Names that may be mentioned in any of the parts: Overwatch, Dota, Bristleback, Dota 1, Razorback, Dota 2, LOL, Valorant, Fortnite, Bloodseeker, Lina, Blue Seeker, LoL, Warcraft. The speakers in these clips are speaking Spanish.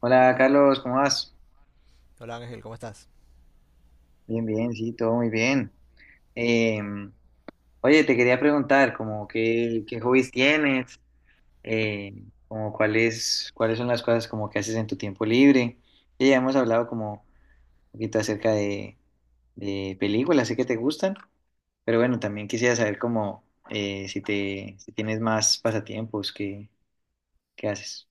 Hola Carlos, ¿cómo vas? Hola Ángel, ¿cómo estás? Bien, bien, sí, todo muy bien. Eh, oye, te quería preguntar, como qué hobbies tienes, eh, como cuáles son las cosas como que haces en tu tiempo libre. Sí, ya hemos hablado como un poquito acerca de películas, sé que te gustan, pero bueno, también quisiera saber como si tienes más pasatiempos, qué haces.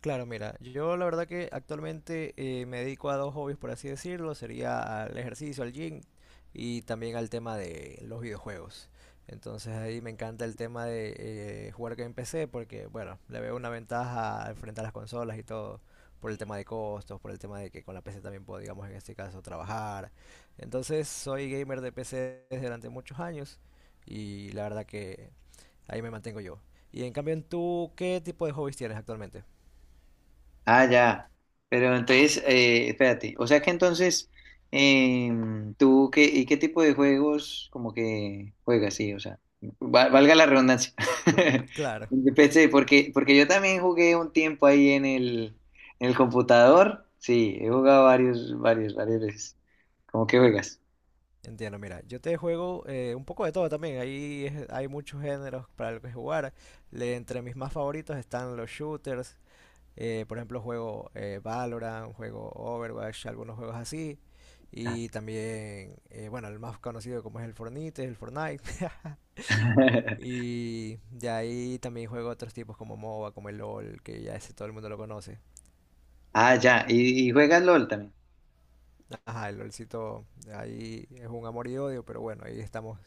Claro, mira, yo la verdad que actualmente me dedico a dos hobbies, por así decirlo, sería al ejercicio, al gym y también al tema de los videojuegos. Entonces ahí me encanta el tema de jugar que en PC porque, bueno, le veo una ventaja al frente a las consolas y todo, por el tema de costos, por el tema de que con la PC también puedo, digamos, en este caso, trabajar. Entonces soy gamer de PC desde durante muchos años y la verdad que Ahí me mantengo yo. Y en cambio, ¿en tú qué tipo de hobbies tienes actualmente? Ah, ya. Pero entonces, espérate. O sea que entonces, ¿tú qué, y qué tipo de juegos como que juegas? Sí, o sea, valga la redundancia. Claro. Empecé, porque yo también jugué un tiempo ahí en el computador. Sí, he jugado varios, varias veces. ¿Cómo que juegas? Entiendo, mira, yo te juego un poco de todo también. Hay muchos géneros para los que jugar. Entre mis más favoritos están los shooters. Por ejemplo, juego Valorant, juego Overwatch, algunos juegos así. Y también, bueno, el más conocido como es el Fortnite, el Fortnite. Y de ahí también juego otros tipos como MOBA, como el LOL, que ya ese todo el mundo lo conoce. Ah, ya. ¿Y juegas LOL también? Ajá, el LOLcito ahí es un amor y odio, pero bueno, ahí estamos,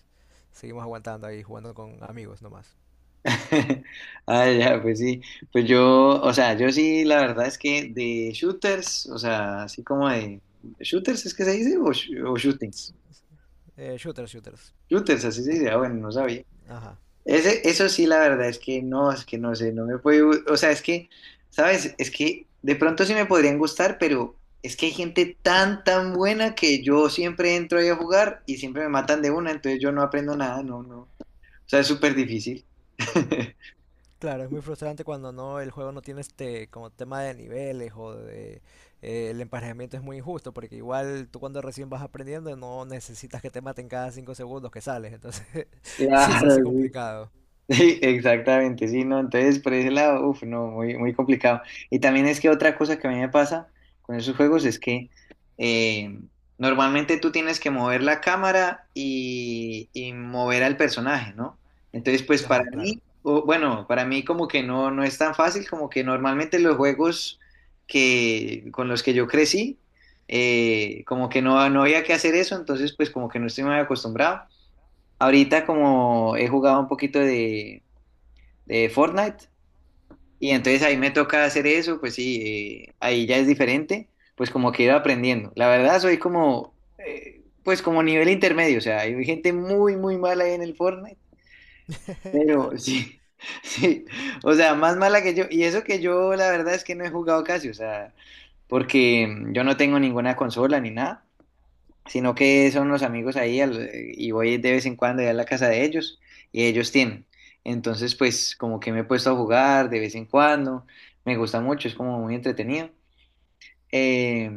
seguimos aguantando ahí jugando con amigos nomás. Ah, ya, pues sí. Pues yo, o sea, yo sí, la verdad es que de shooters, o sea, así como de ¿Shooters es que se dice? ¿O shootings? Shooters, shooters. Shooters, así se dice. Ah, bueno, no sabía. Ajá. Eso sí, la verdad es que no sé, no me puede O sea, es que, ¿sabes? Es que de pronto sí me podrían gustar, pero es que hay gente tan, tan buena que yo siempre entro ahí a jugar y siempre me matan de una, entonces yo no aprendo nada, no, no. O sea, es súper difícil. Claro, es muy frustrante cuando no el juego no tiene este como tema de niveles o de el emparejamiento es muy injusto porque igual tú cuando recién vas aprendiendo no necesitas que te maten cada 5 segundos que sales, entonces sí se Claro, hace complicado. sí, exactamente, sí, no, entonces por ese lado, uff, no, muy, muy complicado. Y también es que otra cosa que a mí me pasa con esos juegos es que eh, normalmente tú tienes que mover la cámara y mover al personaje, ¿no? Entonces, pues para Ajá, claro. mí, o, bueno, para mí como que no, no es tan fácil, como que normalmente los juegos con los que yo crecí, como que no, no había que hacer eso, entonces pues como que no estoy muy acostumbrado. Ahorita como he jugado un poquito de Fortnite. Y entonces ahí me toca hacer eso, pues sí, ahí ya es diferente, pues como que ir aprendiendo. La verdad soy como, pues como nivel intermedio, o sea, hay gente muy, muy mala ahí en el Fortnite, pero Claro. sí, sí, o sea, más mala que yo. Y eso que yo la verdad es que no he jugado casi, o sea, porque yo no tengo ninguna consola ni nada sino que son los amigos ahí y voy de vez en cuando ya a la casa de ellos y ellos tienen. Entonces, pues como que me he puesto a jugar de vez en cuando, me gusta mucho, es como muy entretenido. Eh,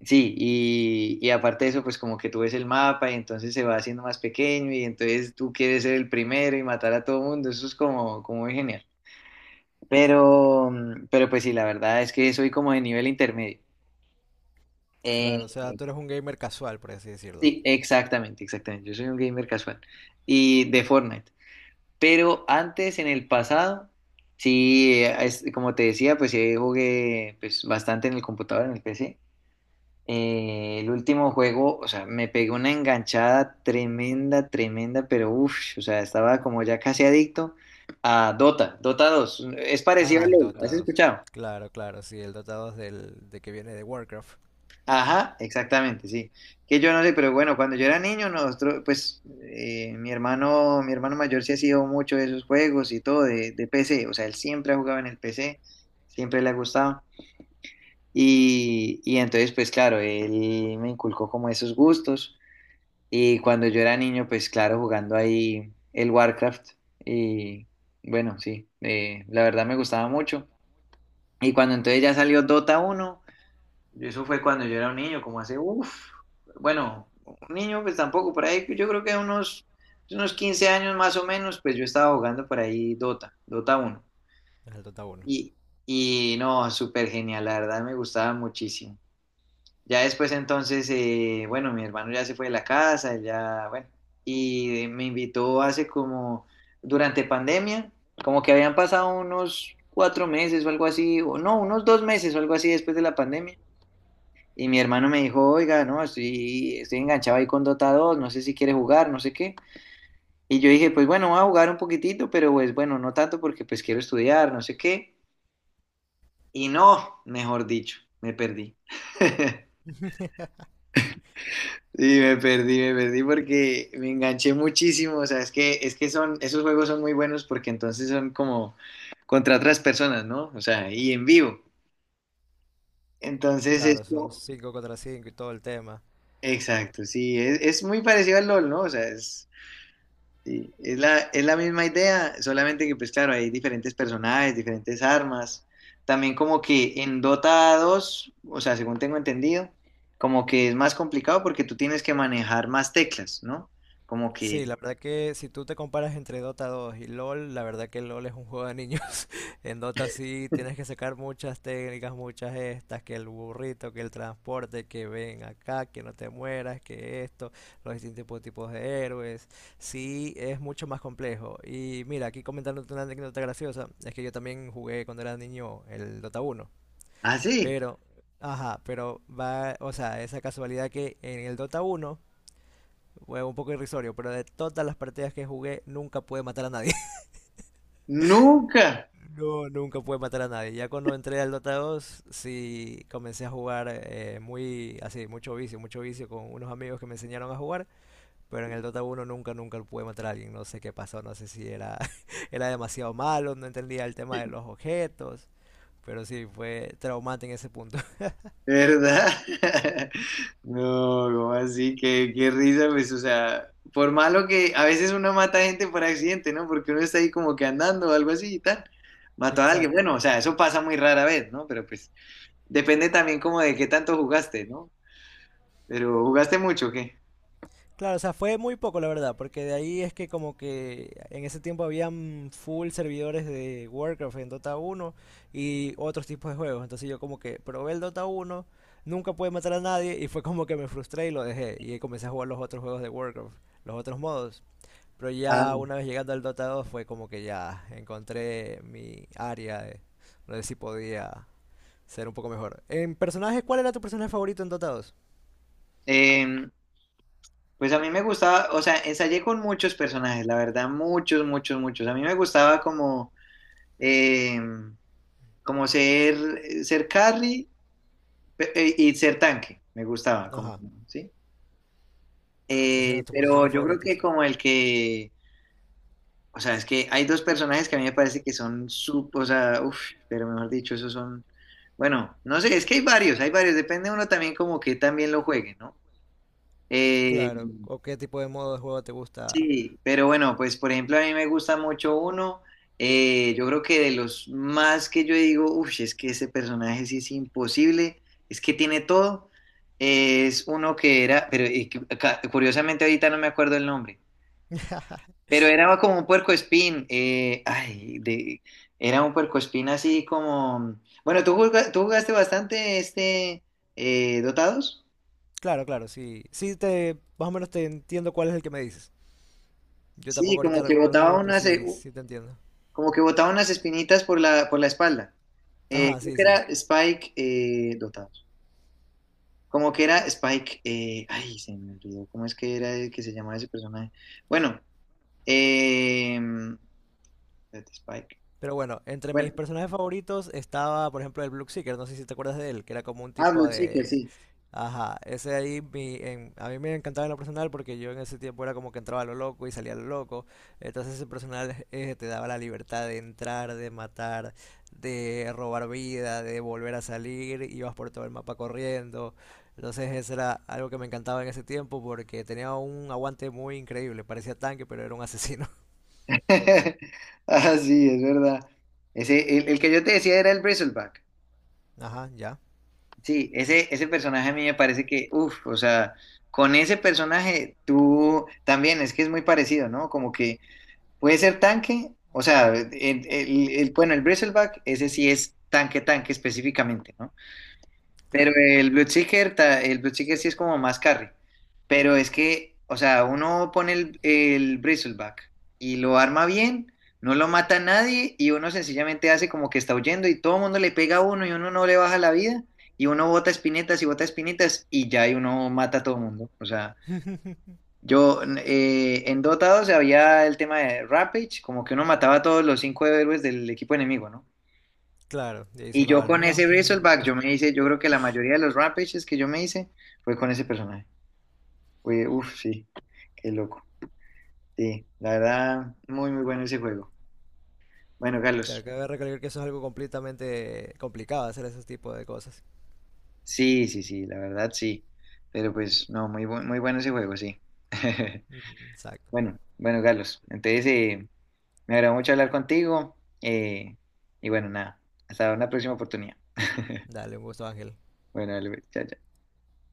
sí, y aparte de eso, pues como que tú ves el mapa y entonces se va haciendo más pequeño y entonces tú quieres ser el primero y matar a todo mundo, eso es como muy genial. Pero pues sí, la verdad es que soy como de nivel intermedio. Claro, o Eh, sea, tú eres un gamer casual, por así decirlo. Sí, exactamente, exactamente. Yo soy un gamer casual y de Fortnite. Pero antes, en el pasado, sí, como te decía, pues sí jugué pues, bastante en el computador, en el PC. El último juego, o sea, me pegó una enganchada tremenda, tremenda, pero uff, o sea, estaba como ya casi adicto a Dota dos. Es parecido Ah, a el LoL, ¿has Dota 2. escuchado? Claro, claro, sí, el Dota 2 del, de que viene de Warcraft Ajá, exactamente, sí. Que yo no sé, pero bueno, cuando yo era niño, nosotros, pues, mi hermano mayor sí ha sido mucho de esos juegos y todo de PC. O sea, él siempre ha jugado en el PC, siempre le ha gustado. Y entonces, pues claro, él me inculcó como esos gustos. Y cuando yo era niño, pues claro, jugando ahí el Warcraft. Y bueno, sí, la verdad me gustaba mucho. Y cuando entonces ya salió Dota 1 yo eso fue cuando yo era un niño, como hace, uff, bueno, un niño pues tampoco, por ahí yo creo que unos 15 años más o menos, pues yo estaba jugando por ahí Dota uno. es el Dota uno. Y, y no, súper genial, la verdad me gustaba muchísimo. Ya después entonces, bueno, mi hermano ya se fue de la casa, él ya, bueno, y me invitó hace como, durante pandemia, como que habían pasado unos 4 meses o algo así, o no, unos 2 meses o algo así después de la pandemia y mi hermano me dijo, oiga, no, estoy enganchado ahí con Dota 2, no sé si quiere jugar, no sé qué. Y yo dije, pues bueno, voy a jugar un poquitito, pero pues bueno, no tanto porque pues quiero estudiar, no sé qué. Y no, mejor dicho, me perdí. Sí, me perdí porque me enganché muchísimo. O sea, es que esos juegos son muy buenos porque entonces son como contra otras personas, ¿no? O sea, y en vivo. Entonces, Claro, son esto, 5 contra 5 y todo el tema. exacto, sí, es muy parecido al LOL, ¿no? O sea, sí, es la misma idea, solamente que pues claro, hay diferentes personajes, diferentes armas. También como que en Dota 2 o sea, según tengo entendido, como que es más complicado porque tú tienes que manejar más teclas, ¿no? Como Sí, que, la verdad que si tú te comparas entre Dota 2 y LoL, la verdad que LoL es un juego de niños. En Dota sí tienes que sacar muchas técnicas, muchas estas, que el burrito, que el transporte, que ven acá, que no te mueras, que esto, los distintos tipos de héroes. Sí, es mucho más complejo. Y mira, aquí comentándote una anécdota graciosa, es que yo también jugué cuando era niño el Dota 1, ah sí, pero... Ajá, pero va, o sea, esa casualidad que en el Dota 1 fue un poco irrisorio, pero de todas las partidas que jugué, nunca pude matar a nadie. nunca. No, nunca pude matar a nadie. Ya cuando entré al Dota 2, sí comencé a jugar muy, así, mucho vicio con unos amigos que me enseñaron a jugar, pero en el Dota 1 nunca, nunca pude matar a alguien. No sé qué pasó, no sé si era, era demasiado malo, no entendía el tema de los objetos, pero sí, fue traumante en ese punto. ¿Verdad? No, ¿cómo así? Qué risa, pues, o sea, por malo que a veces uno mata gente por accidente, ¿no? Porque uno está ahí como que andando o algo así y tal. Mató a alguien. Exacto. Bueno, o sea, eso pasa muy rara vez, ¿no? Pero pues depende también como de qué tanto jugaste, ¿no? Pero jugaste mucho, o ¿qué? Claro, o sea, fue muy poco la verdad, porque de ahí es que como que en ese tiempo habían full servidores de Warcraft en Dota 1 y otros tipos de juegos. Entonces yo como que probé el Dota 1, nunca pude matar a nadie y fue como que me frustré y lo dejé. Y ahí comencé a jugar los otros juegos de Warcraft, los otros modos. Pero Ah. ya una vez llegando al Dota 2 fue como que ya encontré mi área de no sé si podía ser un poco mejor. En personajes, ¿cuál era tu personaje favorito en Dota 2? Em, pues a mí me gustaba, o sea, ensayé con muchos personajes, la verdad, muchos, muchos, muchos. A mí me gustaba em, como ser Carrie. Y ser tanque, me gustaba, como, Ajá, ¿sí? esas eran tus Pero posiciones yo creo que favoritas. como o sea, es que hay dos personajes que a mí me parece que o sea, uff, pero mejor dicho, esos son, bueno, no sé, es que hay varios, depende uno también como que también lo juegue, ¿no? Eh, Claro, o qué tipo de modo de juego te gusta. Sí, pero bueno, pues por ejemplo a mí me gusta mucho uno, yo creo que de los más que yo digo, uff, es que ese personaje sí es imposible, es que tiene todo, es uno que era, pero curiosamente ahorita no me acuerdo el nombre, pero era como un puercoespín, era un puercoespín así como, bueno, tú jugaste bastante este Dotados? Claro, claro, sí. Sí te, más o menos te entiendo cuál es el que me dices. Yo Sí, tampoco como ahorita que recuerdo los botaba nombres, pero una, sí, sí te entiendo. como que botaba unas espinitas por la espalda. Eh, Ajá, creo sí, que era sí. Spike Dotados. Como que era Spike. Ay, se me olvidó. ¿Cómo es que era el que se llamaba ese personaje? Bueno, eh, espérate, Spike. Pero bueno, entre Bueno, mis personajes favoritos estaba, por ejemplo, el Blue Seeker, no sé si te acuerdas de él, que era como un ah, tipo Blood Seeker, de... sí. Ajá, ese ahí a mí me encantaba en lo personal porque yo en ese tiempo era como que entraba a lo loco y salía a lo loco. Entonces ese personal te daba la libertad de entrar, de matar, de robar vida, de volver a salir, ibas por todo el mapa corriendo. Entonces eso era algo que me encantaba en ese tiempo porque tenía un aguante muy increíble, parecía tanque pero era un asesino. Ah, sí, es verdad. El que yo te decía era el Bristleback. Ajá, ya. Sí, ese personaje a mí me parece que, uff, o sea, con ese personaje tú también, es que es muy parecido, ¿no? Como que. Puede ser tanque, o sea, bueno, el Bristleback, ese sí es tanque, tanque específicamente, ¿no? Pero Claro. el Bloodseeker, el Bloodseeker sí es como más carry. Pero es que, o sea, uno pone el Bristleback y lo arma bien, no lo mata a nadie y uno sencillamente hace como que está huyendo y todo el mundo le pega a uno y uno no le baja la vida y uno bota espinetas y ya y uno mata a todo el mundo. O sea, yo en Dota 2 había el tema de Rampage, como que uno mataba a todos los cinco héroes del equipo enemigo, ¿no? Claro, y ahí Y sonaba yo el con ese romper. Razorback, yo me hice, yo creo que la mayoría de los Rampages que yo me hice fue con ese personaje. Fue, uf, sí, qué loco. Sí, la verdad, muy, muy bueno ese juego. Bueno, Te Carlos, acabo de recalcar que eso es algo completamente complicado hacer ese tipo de cosas. sí, sí, sí, la verdad, sí. Pero pues, no, muy, muy bueno ese juego, sí. Ujú, exacto. Bueno, bueno, Carlos, entonces me agradó mucho hablar contigo. eh, y bueno, nada, hasta una próxima oportunidad. Dale, un gusto, Ángel. Bueno, dale, pues, chao, chao.